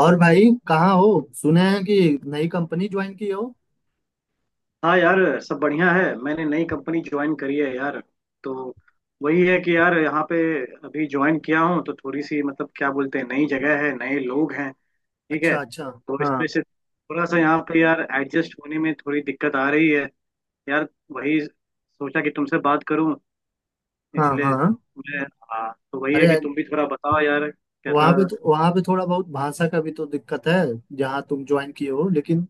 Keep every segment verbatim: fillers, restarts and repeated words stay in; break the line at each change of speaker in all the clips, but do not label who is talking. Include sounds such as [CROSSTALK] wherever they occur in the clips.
और भाई, कहाँ हो? सुने हैं कि नई कंपनी ज्वाइन की हो।
हाँ यार। सब बढ़िया है। मैंने नई कंपनी ज्वाइन करी है यार। तो वही है कि यार यहाँ पे अभी ज्वाइन किया हूँ तो थोड़ी सी मतलब क्या बोलते हैं, नई जगह है, नए लोग हैं। ठीक
अच्छा,
है।
अच्छा।
तो
हाँ,
इसमें से थोड़ा सा यहाँ पे यार एडजस्ट होने में थोड़ी दिक्कत आ रही है। यार, वही सोचा कि तुमसे बात करूँ
हाँ,
इसलिए।
हाँ।
मैं, हाँ, तो वही है
अरे,
कि तुम भी थोड़ा बताओ यार,
वहाँ
कैसा।
पे तो वहाँ पे थोड़ा बहुत भाषा का भी तो दिक्कत है जहाँ तुम ज्वाइन किए हो, लेकिन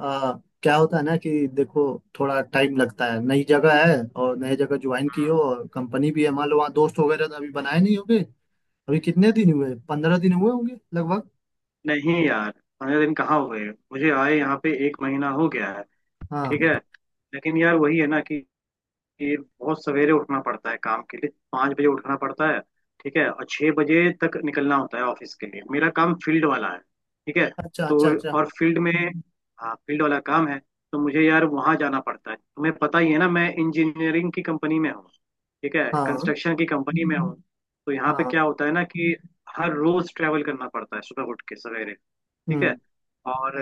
आ, क्या होता है ना कि देखो, थोड़ा टाइम लगता है। नई जगह है, और नई जगह ज्वाइन की हो, और कंपनी भी है मान लो, वहाँ दोस्त वगैरह तो अभी बनाए नहीं होंगे। अभी कितने दिन हुए? पंद्रह दिन हुए होंगे लगभग।
नहीं यार, पंद्रह दिन कहाँ हो गए? मुझे आए यहाँ पे एक महीना हो गया है।
हाँ,
ठीक है। लेकिन यार वही है ना कि कि बहुत सवेरे उठना पड़ता है, काम के लिए पाँच बजे उठना पड़ता है। ठीक है। और छः बजे तक निकलना होता है ऑफिस के लिए। मेरा काम फील्ड वाला है। ठीक है।
अच्छा,
तो
अच्छा, अच्छा।
और फील्ड में, हाँ, फील्ड वाला काम है। तो मुझे यार वहाँ जाना पड़ता है। तुम्हें पता ही है ना, मैं इंजीनियरिंग की कंपनी में हूँ। ठीक है,
हाँ,
कंस्ट्रक्शन की कंपनी में हूँ। तो यहाँ पे
हाँ।
क्या होता है ना कि हर रोज ट्रैवल करना पड़ता है, सुबह उठ के सवेरे। ठीक है।
हम्म।
और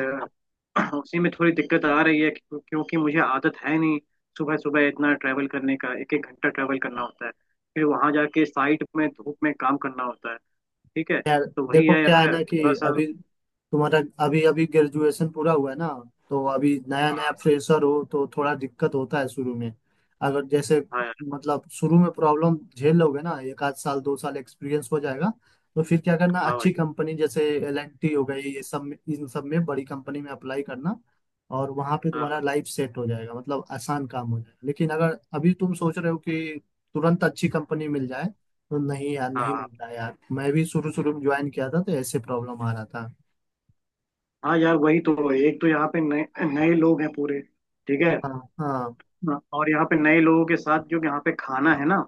उसी में थोड़ी दिक्कत आ रही है क्यों- क्योंकि मुझे आदत है नहीं सुबह सुबह इतना ट्रैवल करने का। एक एक घंटा ट्रैवल करना होता है, फिर वहां जाके साइट में धूप में काम करना होता है। ठीक है।
यार
तो वही
देखो,
है
क्या है
यार,
ना
थोड़ा
कि
सा।
अभी तुम्हारा अभी अभी ग्रेजुएशन पूरा हुआ है ना, तो अभी नया नया
हाँ।
फ्रेशर हो, तो थोड़ा दिक्कत होता है शुरू में। अगर जैसे,
हाँ यार।
मतलब शुरू में प्रॉब्लम झेल लोगे ना, एक आध साल दो साल एक्सपीरियंस हो जाएगा, तो फिर क्या करना,
हाँ
अच्छी
भाई।
कंपनी जैसे एल एंड टी हो गई, ये सब में इन सब में बड़ी कंपनी में अप्लाई करना, और वहां पे तुम्हारा
हाँ
लाइफ सेट हो जाएगा, मतलब आसान काम हो जाएगा। लेकिन अगर अभी तुम सोच रहे हो कि तुरंत अच्छी कंपनी मिल जाए, तो नहीं यार,
हाँ।
नहीं
हाँ।
मिलता यार। मैं भी शुरू शुरू में ज्वाइन किया था तो ऐसे प्रॉब्लम आ रहा था।
हाँ यार वही तो, एक तो यहाँ पे नए नए लोग हैं पूरे। ठीक है।
हाँ, हाँ,
हाँ, और यहाँ पे नए लोगों के साथ जो यहाँ पे खाना है ना,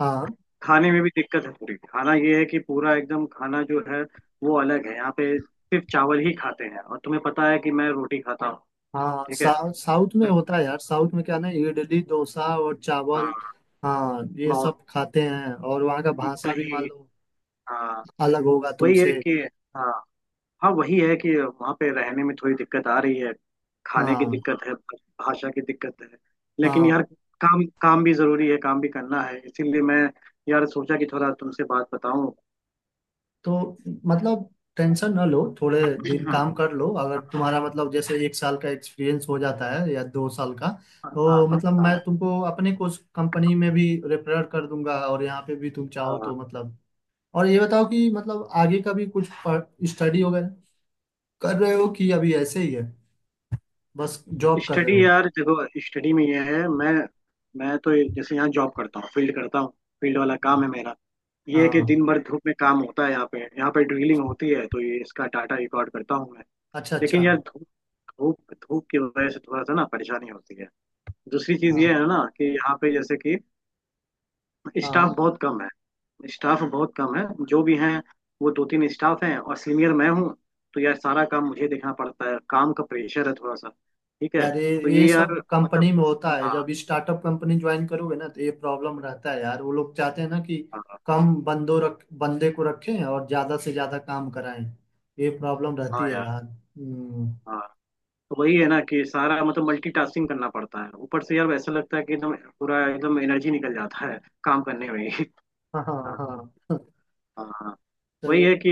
हाँ।
खाने में भी दिक्कत है पूरी। खाना ये है कि पूरा एकदम खाना जो है वो अलग है। यहाँ पे सिर्फ चावल ही खाते हैं, और तुम्हें पता है कि मैं रोटी खाता हूँ।
हाँ
ठीक है।
सा, साउथ में
पर-
होता है यार, साउथ में क्या ना, इडली डोसा और चावल,
हाँ,
हाँ, ये
बहुत।
सब खाते हैं। और वहाँ का भाषा भी मान
दही।
लो
हाँ,
अलग होगा
वही है
तुमसे।
कि, हाँ हाँ, वही है कि वहाँ पे रहने में थोड़ी दिक्कत आ रही है। खाने की
हाँ,
दिक्कत है, भाषा की दिक्कत है। लेकिन
हाँ।
यार, काम काम भी जरूरी है, काम भी करना है, इसीलिए मैं यार सोचा कि थोड़ा तुमसे बात बताऊं।
तो मतलब टेंशन ना लो, थोड़े दिन
[CLEARS THROAT] हाँ।
काम कर लो। अगर
हाँ
तुम्हारा मतलब जैसे एक साल का एक्सपीरियंस हो जाता है या दो साल का,
हाँ। हाँ।
तो मतलब मैं
हाँ
तुमको अपने कुछ कंपनी में भी रेफर कर दूंगा, और यहाँ पे भी तुम चाहो
हाँ।
तो मतलब। और ये बताओ कि मतलब आगे का भी कुछ स्टडी वगैरह कर रहे हो कि अभी ऐसे ही है, बस जॉब कर रहे
स्टडी
हो?
यार, देखो, स्टडी में ये है, मैं, मैं तो ये- जैसे यहाँ जॉब करता हूँ, फील्ड करता हूँ। फील्ड वाला काम है मेरा। ये है कि
हाँ,
दिन भर धूप में काम होता है यहाँ पे, यहाँ पे ड्रिलिंग होती है तो ये इसका डाटा रिकॉर्ड करता हूँ मैं।
अच्छा, अच्छा।
लेकिन यार धूप धूप धूप की वजह से थोड़ा सा ना परेशानी होती है। दूसरी चीज
हाँ,
ये है ना कि यहाँ पे जैसे कि स्टाफ
हाँ,
बहुत कम है, स्टाफ बहुत कम है, जो भी हैं वो दो तीन स्टाफ हैं और सीनियर मैं हूँ। तो यार सारा काम मुझे देखना पड़ता है, काम का प्रेशर है थोड़ा सा। ठीक है।
यार ये
तो
ये
ये
सब
यार, मतलब,
कंपनी में होता है।
हाँ,
जब स्टार्टअप कंपनी ज्वाइन करोगे ना, तो ये प्रॉब्लम रहता है यार। वो लोग चाहते हैं ना कि
हाँ
कम बंदो रख बंदे को रखें और ज्यादा से ज्यादा काम कराएं, ये प्रॉब्लम रहती
हाँ
है
यार।
यार। हम्म,
हाँ, तो वही है ना कि सारा मतलब मल्टीटास्किंग करना पड़ता है। ऊपर से यार ऐसा लगता है कि एकदम पूरा एकदम एनर्जी निकल जाता है काम करने में ही।
हाँ, हाँ,
हाँ।
हाँ।
हाँ हाँ। वही
तो
है कि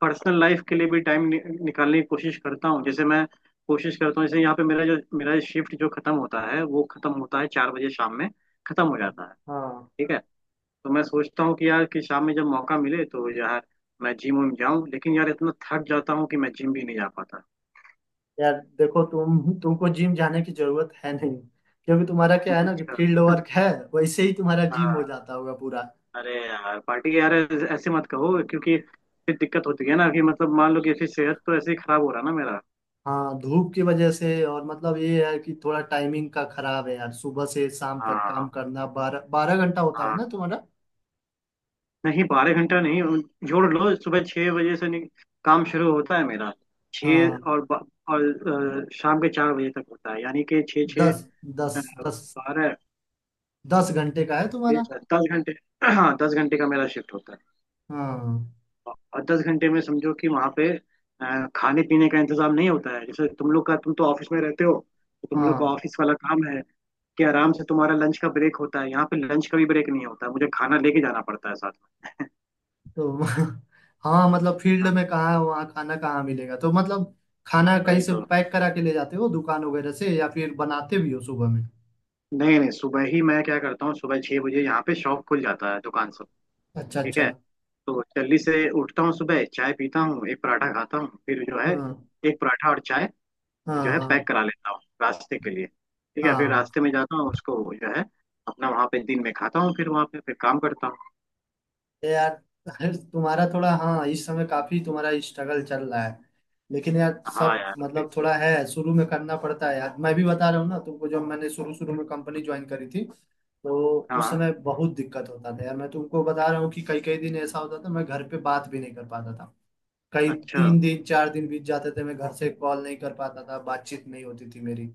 पर्सनल लाइफ के लिए भी टाइम नि, निकालने की कोशिश करता हूँ। जैसे मैं कोशिश करता हूँ जैसे यहाँ पे मेरा जो, मेरा शिफ्ट जो खत्म होता है वो खत्म होता है चार बजे शाम में खत्म हो जाता है।
हाँ
ठीक है। तो मैं सोचता हूँ कि यार कि शाम में जब मौका मिले तो यार मैं जिम विम जाऊँ, लेकिन यार इतना थक जाता हूँ कि मैं जिम भी नहीं जा पाता।
यार देखो, तुम तुमको जिम जाने की जरूरत है नहीं, क्योंकि तुम्हारा क्या है ना कि
अच्छा।
फील्ड वर्क है, वैसे ही तुम्हारा जिम हो
हाँ।
जाता होगा पूरा।
अरे यार पार्टी के यार, ऐसे ऐसे मत कहो क्योंकि फिर दिक्कत होती है ना कि मतलब मान लो कि ऐसी सेहत तो ऐसे ही खराब हो रहा ना मेरा।
हाँ, धूप की वजह से, और मतलब ये है कि थोड़ा टाइमिंग का खराब है यार। सुबह से शाम तक
हाँ।
काम करना, बारह बारह घंटा होता है
हाँ,
ना तुम्हारा?
नहीं बारह घंटा नहीं, जोड़ लो सुबह छह बजे से, नहीं, काम शुरू होता है मेरा
हाँ।
छः और ब- और अ, शाम के चार बजे तक होता है, यानी कि छः, छः,
दस, दस, दस
बारह,
दस घंटे का है तुम्हारा?
दस घंटे। हाँ, दस घंटे का मेरा शिफ्ट होता है।
हाँ,
और दस घंटे में समझो कि वहां पे अ, खाने पीने का इंतजाम नहीं होता है। जैसे तुम लोग का, तुम तो ऑफिस में रहते हो, तो तुम लोग का
हाँ।
ऑफिस वाला काम है कि आराम से तुम्हारा लंच का ब्रेक होता है। यहाँ पे लंच का भी ब्रेक नहीं होता है, मुझे खाना लेके जाना पड़ता है साथ में।
तो [LAUGHS] हाँ, मतलब फील्ड
हाँ,
में कहाँ वहाँ खाना, कहाँ मिलेगा? तो मतलब खाना कहीं
वही
से
तो।
पैक करा के ले जाते हो दुकान वगैरह से, या फिर बनाते भी हो सुबह में?
नहीं नहीं, सुबह ही मैं क्या करता हूँ, सुबह छह बजे यहाँ पे शॉप खुल जाता है, दुकान सब।
अच्छा,
ठीक
अच्छा।
है। तो जल्दी से उठता हूँ, सुबह चाय पीता हूँ, एक पराठा खाता हूँ, फिर जो है,
हाँ,
एक पराठा और चाय जो
हाँ,
है
हाँ,
पैक करा लेता हूँ रास्ते के लिए। ठीक है। फिर
हाँ,
रास्ते में जाता हूँ उसको जो है अपना वहाँ पे दिन में खाता हूँ, फिर वहाँ पे फिर काम करता हूँ।
ये यार, [LAUGHS] तुम्हारा थोड़ा, हाँ, इस समय काफी तुम्हारा स्ट्रगल चल रहा है। लेकिन यार
हाँ
सब
यार वही
मतलब
तो।
थोड़ा है, शुरू में करना पड़ता है यार। मैं भी बता रहा हूँ ना तुमको, जब मैंने शुरू शुरू में कंपनी ज्वाइन करी थी, तो उस
हाँ।
समय बहुत दिक्कत होता था यार। मैं तुमको बता रहा हूँ कि कई कई दिन ऐसा होता था, मैं घर पे बात भी नहीं कर पाता था। कई
अच्छा
तीन दिन, चार दिन बीत जाते थे, मैं घर से कॉल नहीं कर पाता था, बातचीत नहीं होती थी मेरी।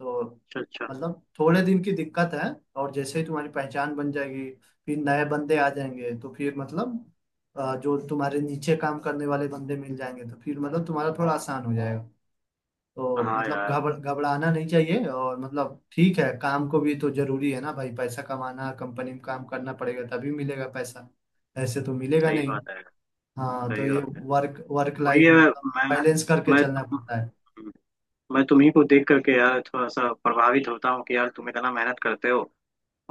तो
अच्छा अच्छा।
मतलब थोड़े दिन की दिक्कत है। और जैसे ही तुम्हारी पहचान बन जाएगी, फिर नए बंदे आ जाएंगे, तो फिर मतलब अ, जो तुम्हारे नीचे काम करने वाले बंदे मिल जाएंगे, तो फिर मतलब तुम्हारा थोड़ा आसान हो जाएगा। तो
हाँ
मतलब
यार,
घबरा घबराना नहीं चाहिए। और मतलब ठीक है, काम को भी तो जरूरी है ना भाई, पैसा कमाना, कंपनी में काम करना पड़ेगा तभी मिलेगा पैसा, ऐसे तो मिलेगा
सही
नहीं।
बात है।
हाँ, तो
सही
ये
बात है।
वर्क वर्क
वही
लाइफ
है
मतलब
मैं
बैलेंस करके
मैं
चलना
तुम
पड़ता है।
मैं तुम्ही को देख करके यार थोड़ा सा प्रभावित होता हूँ कि यार तुम इतना मेहनत करते हो,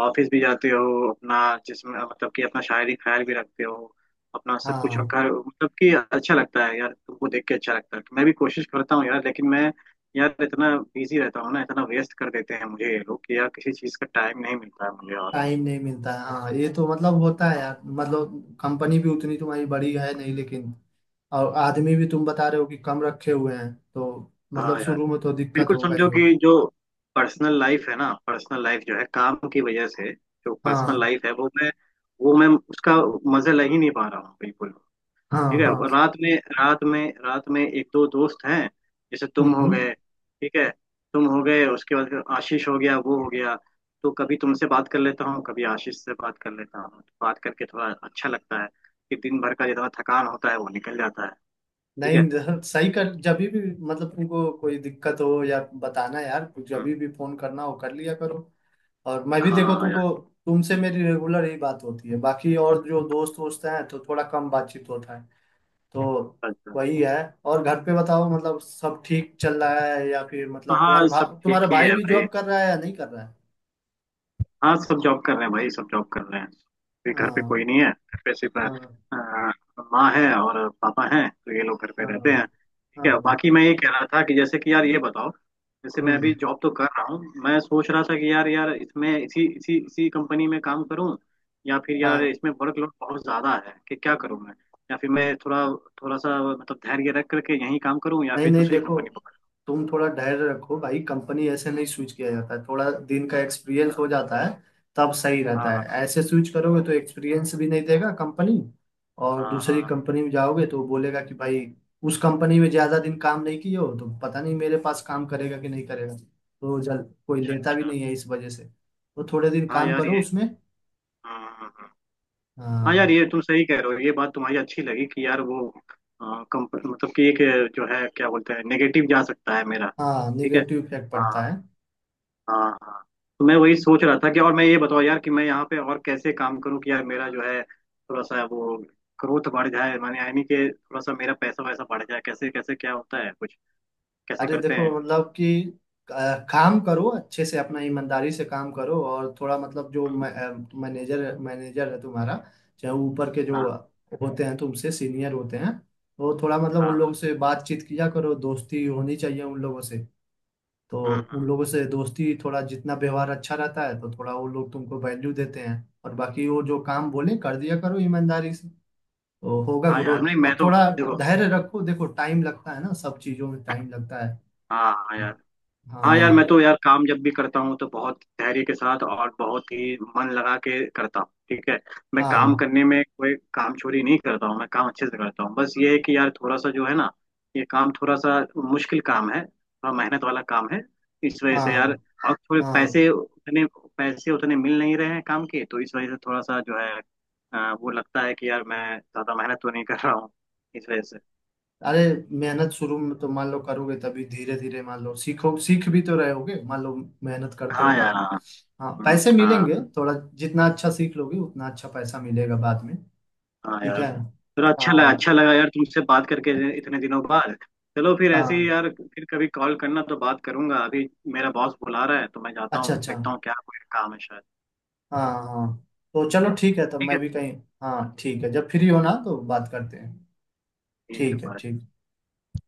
ऑफिस भी जाते हो, अपना जिसमें मतलब कि अपना शायरी ख्याल भी रखते हो, अपना सब कुछ
हाँ,
घर, मतलब कि अच्छा लगता है यार, तुमको देख के अच्छा लगता है तो मैं भी कोशिश करता हूँ यार, लेकिन मैं यार इतना बिजी रहता हूँ ना, इतना वेस्ट कर देते हैं मुझे ये लोग कि यार किसी चीज़ का टाइम नहीं मिलता है मुझे, और
टाइम नहीं मिलता है, हाँ, ये तो मतलब होता है यार। मतलब कंपनी भी उतनी तुम्हारी बड़ी है नहीं, लेकिन और आदमी भी तुम बता रहे हो कि कम रखे हुए हैं, तो
हाँ
मतलब
यार।
शुरू में तो दिक्कत
बिल्कुल,
होगा ही
समझो
हो।
कि जो पर्सनल लाइफ है ना, पर्सनल लाइफ जो है, काम की वजह से जो पर्सनल
हाँ,
लाइफ है वो मैं, वो मैं उसका मजा ले ही नहीं पा रहा हूँ बिल्कुल।
हाँ,
ठीक है। और
हाँ।
रात में, रात में रात में एक दो दोस्त हैं जैसे तुम हो
हम्म।
गए। ठीक है। तुम हो गए, उसके बाद फिर आशीष हो गया, वो हो गया। तो कभी तुमसे बात कर लेता हूँ, कभी आशीष से बात कर लेता हूँ, तो बात करके थोड़ा अच्छा लगता है कि दिन भर का जितना थकान होता है वो निकल जाता है। ठीक है।
नहीं ज- सही कर, जब भी मतलब तुमको कोई दिक्कत हो या, बताना यार, जब
हम्म।
भी फोन करना हो कर लिया करो। और मैं भी देखो
हाँ यार।
तुमको तुमसे मेरी रेगुलर यही बात होती है, बाकी और जो दोस्त वोस्त हैं, तो थोड़ा कम बातचीत होता है, तो
अच्छा।
वही है। और घर पे बताओ, मतलब सब ठीक चल रहा है या फिर मतलब तुम्हारे
हाँ
भा,
सब
तुम्हारा
ठीक ही
भाई
है
भी
भाई।
जॉब कर रहा है या नहीं कर रहा है?
हाँ, सब जॉब कर रहे हैं भाई, सब जॉब कर रहे हैं। अभी घर पे
हाँ,
कोई नहीं है, घर पे सिर्फ अ,
हाँ,
माँ है और पापा हैं, तो ये लोग घर पे
हाँ,
रहते हैं।
हाँ,
ठीक है। बाकी
हाँ।
मैं ये कह रहा था कि जैसे कि यार ये बताओ, जैसे मैं
हम्म,
अभी जॉब तो कर रहा हूँ, मैं सोच रहा था कि यार, यार इसमें इसी इसी इसी कंपनी में काम करूँ या फिर यार
हाँ,
इसमें वर्कलोड बहुत ज़्यादा है कि क्या करूँ मैं, या फिर मैं थोड़ा, थोड़ा सा मतलब धैर्य रख करके यहीं काम करूँ या
नहीं,
फिर
नहीं,
दूसरी
देखो,
कंपनी पकड़।
तुम थोड़ा धैर्य रखो भाई, कंपनी ऐसे नहीं स्विच किया जाता है। थोड़ा दिन का एक्सपीरियंस हो जाता है तब सही
हाँ।
रहता
हाँ
है। ऐसे स्विच करोगे तो एक्सपीरियंस भी नहीं देगा कंपनी, और
हाँ।
दूसरी
हाँ।
कंपनी में जाओगे तो बोलेगा कि भाई, उस कंपनी में ज्यादा दिन काम नहीं किए हो, तो पता नहीं मेरे पास काम करेगा कि नहीं करेगा, तो जल, कोई
अच्छा
लेता भी
अच्छा।
नहीं है इस वजह से। तो थोड़े दिन
हाँ
काम
यार
करो
ये,
उसमें।
हाँ हाँ हाँ। हाँ यार,
हाँ,
ये तुम सही कह रहे हो, ये बात तुम्हारी अच्छी लगी कि यार वो आ, कम, मतलब कि एक जो है क्या बोलते हैं नेगेटिव जा सकता है मेरा।
हाँ,
ठीक है।
निगेटिव इफेक्ट पड़ता
हाँ।
है।
हाँ हाँ। तो मैं वही सोच रहा था कि, और मैं ये बताओ यार कि मैं यहाँ पे और कैसे काम करूँ कि यार मेरा जो है थोड़ा सा वो ग्रोथ बढ़ जाए, माने यानी कि थोड़ा सा मेरा पैसा वैसा बढ़ जाए, कैसे, कैसे क्या होता है कुछ, कैसे
अरे
करते
देखो,
हैं?
मतलब कि अ, काम करो अच्छे से अपना, ईमानदारी से काम करो, और थोड़ा मतलब जो मैनेजर मैनेजर है तुम्हारा, चाहे ऊपर के जो
हाँ।
होते हैं, तुमसे सीनियर होते हैं, तो थोड़ा मतलब उन
हाँ।
लोगों से बातचीत किया करो, दोस्ती होनी चाहिए उन लोगों से। तो
हम्म
उन
हम्म।
लोगों से दोस्ती, थोड़ा जितना व्यवहार अच्छा रहता है, तो थोड़ा वो लोग तुमको वैल्यू देते हैं। और बाकी वो जो काम बोले कर दिया करो ईमानदारी से, तो होगा
हाँ यार,
ग्रोथ।
नहीं मैं
और
तो,
थोड़ा
देखो,
धैर्य रखो, देखो टाइम लगता है ना, सब चीजों में टाइम लगता है।
हाँ हाँ यार। हाँ यार मैं तो
हाँ,
यार काम जब भी करता हूँ तो बहुत धैर्य के साथ और बहुत ही मन लगा के करता हूँ। ठीक है। मैं काम
हाँ,
करने में कोई काम चोरी नहीं करता हूँ, मैं काम अच्छे से करता हूँ। बस ये है कि यार थोड़ा सा जो है ना, ये काम थोड़ा सा मुश्किल काम है, थोड़ा मेहनत वाला काम है, इस वजह से यार,
हाँ,
और थोड़े
हाँ।
पैसे उतने पैसे उतने मिल नहीं रहे हैं काम के, तो इस वजह से थोड़ा सा जो है अ, वो लगता है कि यार मैं ज्यादा मेहनत तो नहीं कर रहा हूँ इस वजह से।
अरे मेहनत शुरू में तो मान लो करोगे, तभी धीरे धीरे मान लो सीखो सीख भी तो रहे होगे मान लो, मेहनत करते हो
हाँ
काम।
यार। हाँ।
हाँ,
हम्म,
पैसे
हाँ।
मिलेंगे थोड़ा, जितना अच्छा सीख लोगे उतना अच्छा पैसा मिलेगा बाद में।
हाँ
ठीक
यार।
है।
चलो, अच्छा लगा,
हाँ,
अच्छा लगा यार तुमसे बात करके इतने दिनों बाद। चलो फिर ऐसे ही
हाँ,
यार, फिर कभी कॉल करना तो बात करूंगा। अभी मेरा बॉस बुला रहा है तो मैं जाता
अच्छा,
हूँ,
अच्छा।
देखता हूँ क्या कोई काम है शायद।
हाँ, हाँ, तो चलो ठीक है, तब
ठीक
मैं
है।
भी कहीं, हाँ, ठीक है, जब फ्री हो ना तो बात करते हैं।
ठीक है
ठीक है,
bye।
ठीक।